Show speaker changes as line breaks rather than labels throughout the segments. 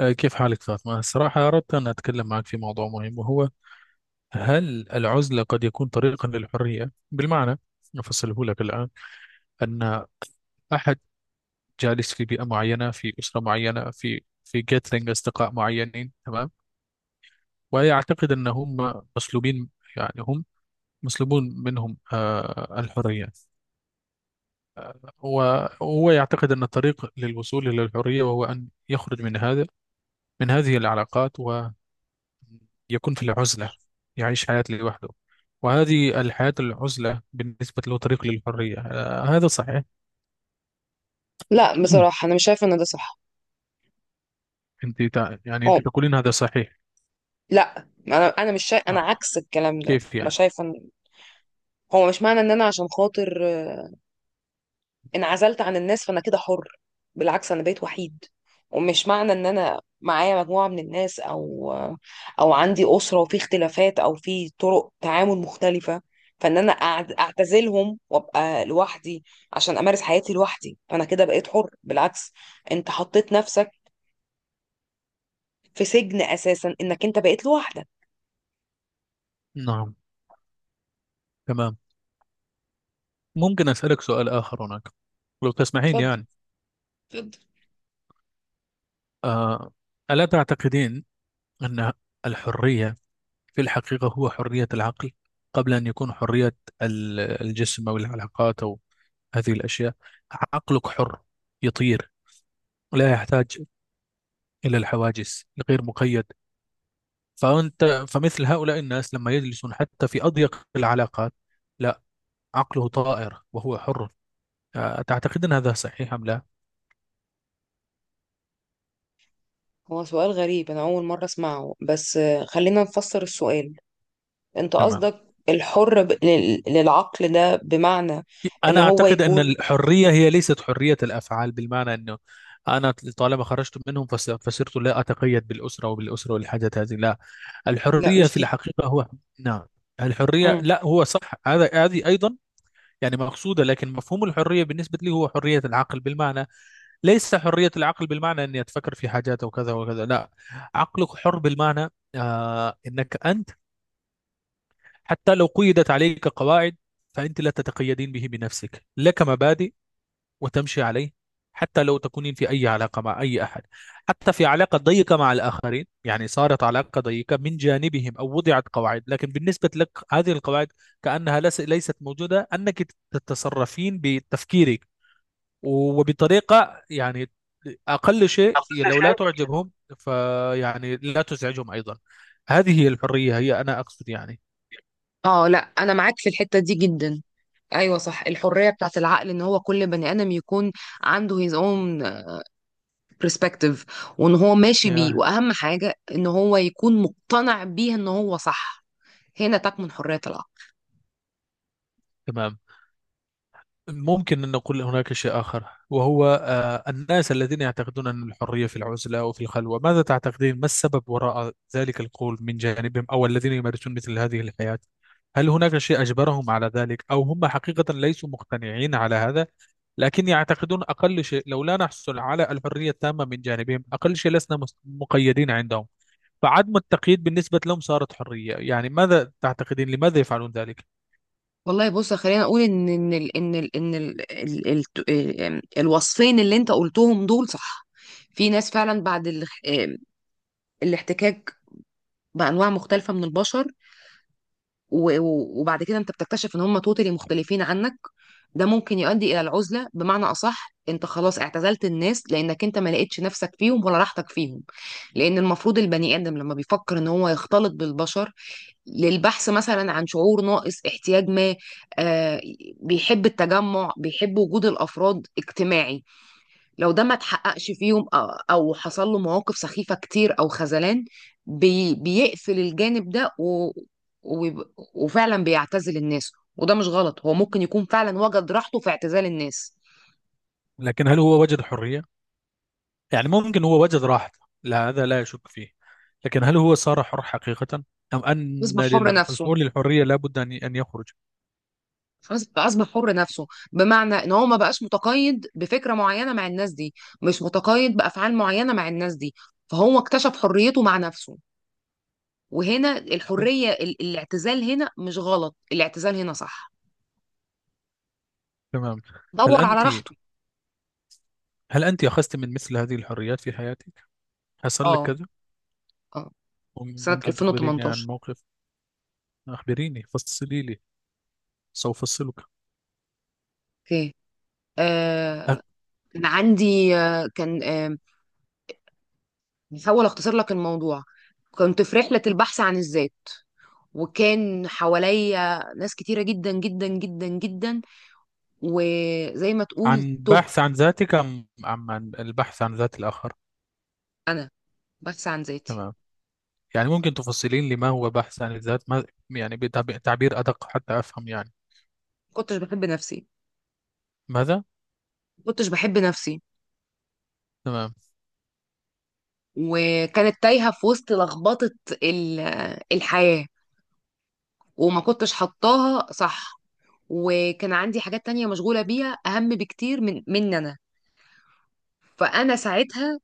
كيف حالك فاطمة؟ الصراحة أردت أن أتكلم معك في موضوع مهم، وهو هل العزلة قد يكون طريقا للحرية؟ بالمعنى أفصله لك الآن. أن أحد جالس في بيئة معينة، في أسرة معينة، في جيتلينج أصدقاء معينين، تمام؟ ويعتقد أن هم مسلوبين، يعني هم مسلوبون منهم الحرية. وهو يعتقد أن الطريق للوصول إلى الحرية وهو أن يخرج من هذا، من هذه العلاقات، يكون في العزلة، يعيش حياة لوحده. وهذه الحياة العزلة بالنسبة له طريق للحرية، هذا صحيح.
لا، بصراحة أنا مش شايفة إن ده صح.
أنت يعني
هو،
أنت تقولين هذا صحيح.
لا أنا مش شايف، أنا
آه.
عكس الكلام ده،
كيف
مش
يعني.
شايفة إن هو. مش معنى إن أنا عشان خاطر انعزلت عن الناس فأنا كده حر. بالعكس، أنا بقيت وحيد. ومش معنى إن أنا معايا مجموعة من الناس أو عندي أسرة وفي اختلافات أو في طرق تعامل مختلفة، فإن أنا أعتزلهم وأبقى لوحدي عشان أمارس حياتي لوحدي فأنا كده بقيت حر. بالعكس، أنت حطيت نفسك في سجن أساسا إنك أنت بقيت لوحدك.
نعم، تمام. ممكن أسألك سؤال آخر هناك، لو تسمحين
اتفضل،
يعني.
اتفضل.
آه. ألا تعتقدين أن الحرية في الحقيقة هو حرية العقل، قبل أن يكون حرية الجسم أو العلاقات أو هذه الأشياء. عقلك حر، يطير، لا يحتاج إلى الحواجز، الغير مقيد. فأنت فمثل هؤلاء الناس لما يجلسون حتى في أضيق العلاقات، لا، عقله طائر وهو حر. أتعتقد أن هذا صحيح أم لا؟
هو سؤال غريب، أنا أول مرة أسمعه، بس خلينا نفسر السؤال. أنت
تمام.
قصدك الحر للعقل ده بمعنى إن
أنا
هو
أعتقد أن
يكون.
الحرية هي ليست حرية الأفعال، بالمعنى أنه أنا طالما خرجت منهم، فصرت لا أتقيد بالأسرة، وبالأسرة والحاجات هذه، لا.
لا،
الحرية
مش
في
دي.
الحقيقة هو، نعم، الحرية،
مم.
لا، هو صح، هذا، هذه أيضا يعني مقصودة. لكن مفهوم الحرية بالنسبة لي هو حرية العقل، بالمعنى ليس حرية العقل بالمعنى أني أتفكر في حاجات وكذا وكذا، لا. عقلك حر بالمعنى أنك أنت حتى لو قيدت عليك قواعد، فأنت لا تتقيدين به، بنفسك لك مبادئ وتمشي عليه. حتى لو تكونين في أي علاقة مع أي أحد، حتى في علاقة ضيقة مع الآخرين، يعني صارت علاقة ضيقة من جانبهم أو وضعت قواعد، لكن بالنسبة لك هذه القواعد كأنها ليست موجودة، أنك تتصرفين بتفكيرك وبطريقة يعني أقل شيء
تخصيص
لو لا
الشيء؟
تعجبهم، فيعني لا تزعجهم أيضا. هذه هي الحرية، هي أنا أقصد يعني.
اه، لا انا معاك في الحته دي جدا. ايوه صح، الحريه بتاعت العقل ان هو كل بني ادم يكون عنده his own perspective، وان هو ماشي بيه،
يا،
واهم حاجه ان هو يكون مقتنع بيه ان هو صح. هنا تكمن حريه العقل.
تمام. ممكن أن نقول هناك شيء آخر، وهو الناس الذين يعتقدون أن الحرية في العزلة وفي الخلوة، ماذا تعتقدين ما السبب وراء ذلك القول من جانبهم، أو الذين يمارسون مثل هذه الحياة؟ هل هناك شيء أجبرهم على ذلك، أو هم حقيقة ليسوا مقتنعين على هذا، لكن يعتقدون أقل شيء لو لا نحصل على الحرية التامة من جانبهم، أقل شيء لسنا مقيدين عندهم؟ فعدم التقييد بالنسبة لهم صارت حرية. يعني ماذا تعتقدين لماذا يفعلون ذلك؟
والله بص، خلينا اقول ان ان ال ان ال ان ال ال ال ال الوصفين اللي انت قلتهم دول صح. في ناس فعلا، بعد ال آمم، الاحتكاك بانواع مختلفه من البشر وبعد كده انت بتكتشف ان هم توتالي مختلفين عنك، ده ممكن يؤدي الى العزله. بمعنى اصح، انت خلاص اعتزلت الناس لانك انت ما لقيتش نفسك فيهم ولا راحتك فيهم. لان المفروض البني ادم لما بيفكر ان هو يختلط بالبشر للبحث مثلا عن شعور ناقص احتياج ما، آه، بيحب التجمع، بيحب وجود الافراد، اجتماعي. لو ده ما اتحققش فيهم، او حصل له مواقف سخيفة كتير او خذلان، بيقفل الجانب ده، وبيب- وفعلا بيعتزل الناس. وده مش غلط، هو ممكن يكون فعلا وجد راحته في اعتزال الناس.
لكن هل هو وجد حرية؟ يعني ممكن هو وجد راحته، لا هذا لا يشك فيه، لكن هل هو صار حر حقيقة، أم أن
يصبح حر نفسه،
للحصول للحرية لابد أن يخرج؟
فاصبح حر نفسه، بمعنى ان هو ما بقاش متقيد بفكره معينه مع الناس دي، مش متقيد بافعال معينه مع الناس دي، فهو اكتشف حريته مع نفسه. وهنا الحريه الاعتزال هنا مش غلط، الاعتزال هنا صح.
تمام. هل
دور على
أنت
راحته.
هل أنت أخذت من مثل هذه الحريات في حياتك؟ حصل لك
اه،
كذا؟
اه، سنه
ممكن تخبريني عن
2018.
موقف؟ أخبريني، فصلي لي، سأفصلك.
اوكي،
أ-
آه، كان عندي، آه كان آه بحاول اختصر لك الموضوع. كنت في رحله البحث عن الذات، وكان حواليا ناس كتيرة جدا جدا جدا جدا، وزي ما تقول،
عن
تهت.
بحث عن ذاتك، أم عن البحث عن ذات الآخر؟
انا بس عن ذاتي.
تمام. يعني ممكن تفصلين لي ما هو بحث عن الذات، ما يعني، بتعبير أدق حتى أفهم يعني؟
ما كنتش بحب نفسي.
ماذا؟
ما كنتش بحب نفسي.
تمام.
وكانت تايهه في وسط لخبطه ال- الحياه، وما كنتش حطاها صح، وكان عندي حاجات تانية مشغوله بيها اهم بكتير من انا. فانا ساعتها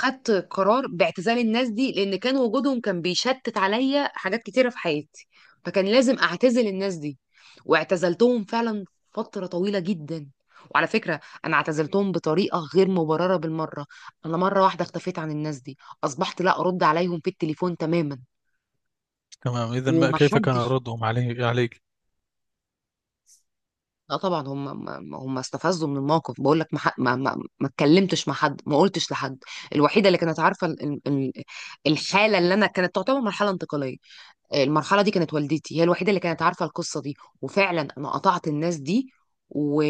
خدت قرار باعتزال الناس دي، لان كان وجودهم كان بيشتت عليا حاجات كتيره في حياتي، فكان لازم اعتزل الناس دي. واعتزلتهم فعلا فتره طويله جدا. وعلى فكره، انا اعتزلتهم بطريقه غير مبرره بالمره. انا مره واحده اختفيت عن الناس دي، اصبحت لا ارد عليهم في التليفون تماما.
تمام، إذا ما كيف كان
ومحدش،
ردهم عليه عليك؟
لا طبعا، هم استفزوا من الموقف. بقول لك ما اتكلمتش مع حد، ما قلتش لحد. الوحيده اللي كانت عارفه الحاله اللي انا كانت تعتبر مرحله انتقاليه، المرحله دي، كانت والدتي هي الوحيده اللي كانت عارفه القصه دي. وفعلا انا قطعت الناس دي، و...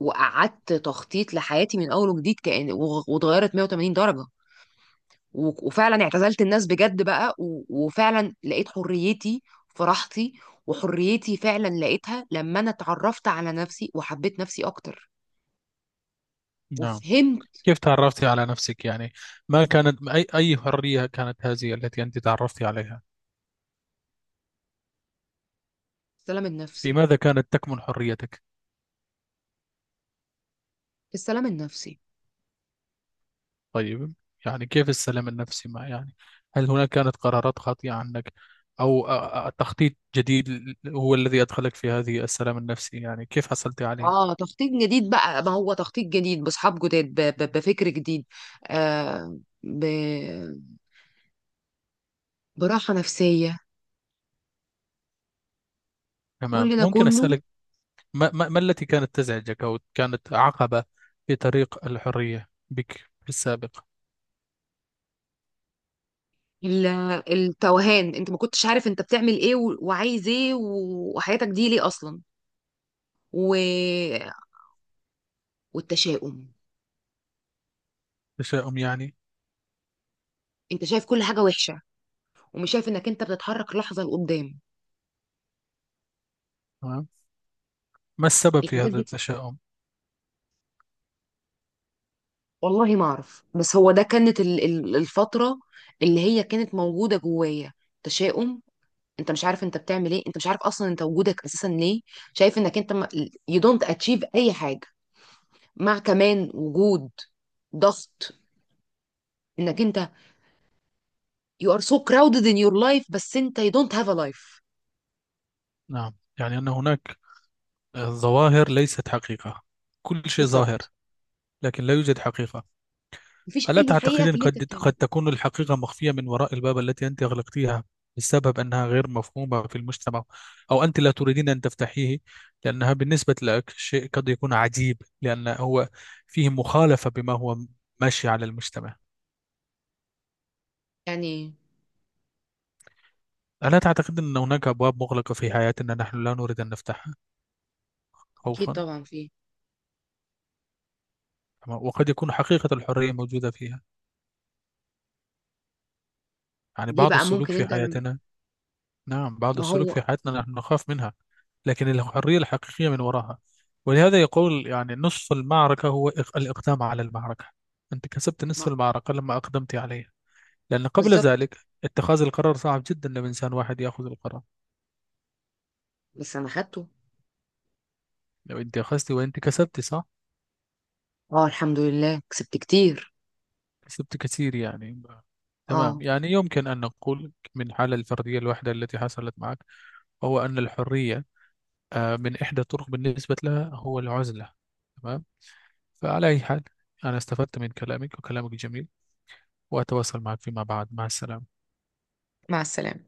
وقعدت تخطيط لحياتي من اول وجديد، كأن واتغيرت 180 درجه، وفعلا اعتزلت الناس بجد بقى، وفعلا لقيت حريتي في راحتي. وحريتي فعلا لقيتها لما انا اتعرفت على نفسي، وحبيت نفسي اكتر
نعم.
وفهمت.
كيف تعرفتي على نفسك يعني؟ ما كانت، أي حرية كانت هذه التي أنت تعرفتي عليها؟
السلام
في
النفسي.
ماذا كانت تكمن حريتك؟
السلام النفسي.
طيب. يعني كيف السلام النفسي ما يعني؟ هل هناك كانت قرارات خاطئة عنك، أو تخطيط جديد هو الذي أدخلك في هذه السلام النفسي؟ يعني كيف حصلت عليه؟
اه، تخطيط جديد بقى، ما هو تخطيط جديد، باصحاب جداد، بفكر جديد، آه ب... براحه نفسيه،
تمام
كل ده
ممكن
كله.
أسألك ما التي كانت تزعجك أو كانت عقبة في طريق الحرية بك في السابق؟
ال- التوهان، انت ما كنتش عارف انت بتعمل ايه، وعايز ايه، وحياتك دي ليه اصلا، و... والتشاؤم.
تشاؤم يعني؟
انت شايف كل حاجه وحشه، ومش شايف انك انت بتتحرك لحظه لقدام.
تمام. ما السبب في
الحاجات
هذا
دي،
التشاؤم؟
والله ما اعرف، بس هو ده كانت الفتره اللي هي كانت موجوده جوايا. تشاؤم، انت مش عارف انت بتعمل ايه، انت مش عارف اصلا انت وجودك اساسا ليه، شايف انك انت، يو دونت اتشيف اي حاجه، مع كمان وجود ضغط، انك انت، يو ار سو كراودد ان يور لايف، بس انت يو دونت هاف ا لايف.
نعم. يعني أن هناك ظواهر ليست حقيقة، كل شيء ظاهر
بالظبط.
لكن لا يوجد حقيقة.
مفيش
ألا
اي حقيقه في
تعتقدين
اللي انت
قد
بتعمله.
تكون الحقيقة مخفية من وراء الباب التي أنت أغلقتيها، بسبب أنها غير مفهومة في المجتمع، أو أنت لا تريدين أن تفتحيه، لأنها بالنسبة لك شيء قد يكون عجيب، لأن هو فيه مخالفة بما هو ماشي على المجتمع؟
يعني
ألا تعتقد أن هناك أبواب مغلقة في حياتنا نحن لا نريد أن نفتحها،
اكيد
خوفا،
طبعا في.
وقد يكون حقيقة الحرية موجودة فيها؟ يعني
دي
بعض
بقى
السلوك
ممكن
في
انت لما.
حياتنا، نعم، بعض
ما
السلوك في
هو
حياتنا نحن نخاف منها، لكن الحرية الحقيقية من وراها. ولهذا يقول يعني نصف المعركة هو الإقدام على المعركة، أنت كسبت نصف
ما
المعركة لما أقدمت عليها. لأن قبل
بالظبط.
ذلك، اتخاذ القرار صعب جدا، لو إنسان واحد يأخذ القرار.
بس انا خدته.
لو أنت أخذت وأنت كسبت، صح؟
اه، الحمد لله، كسبت كتير.
كسبت كثير يعني تمام.
اه،
يعني يمكن أن نقول من حالة الفردية الواحدة التي حصلت معك، هو أن الحرية من إحدى الطرق بالنسبة لها هو العزلة. تمام. فعلى أي حال، أنا استفدت من كلامك وكلامك جميل، وأتواصل معك فيما بعد. مع السلامة.
مع السلامه.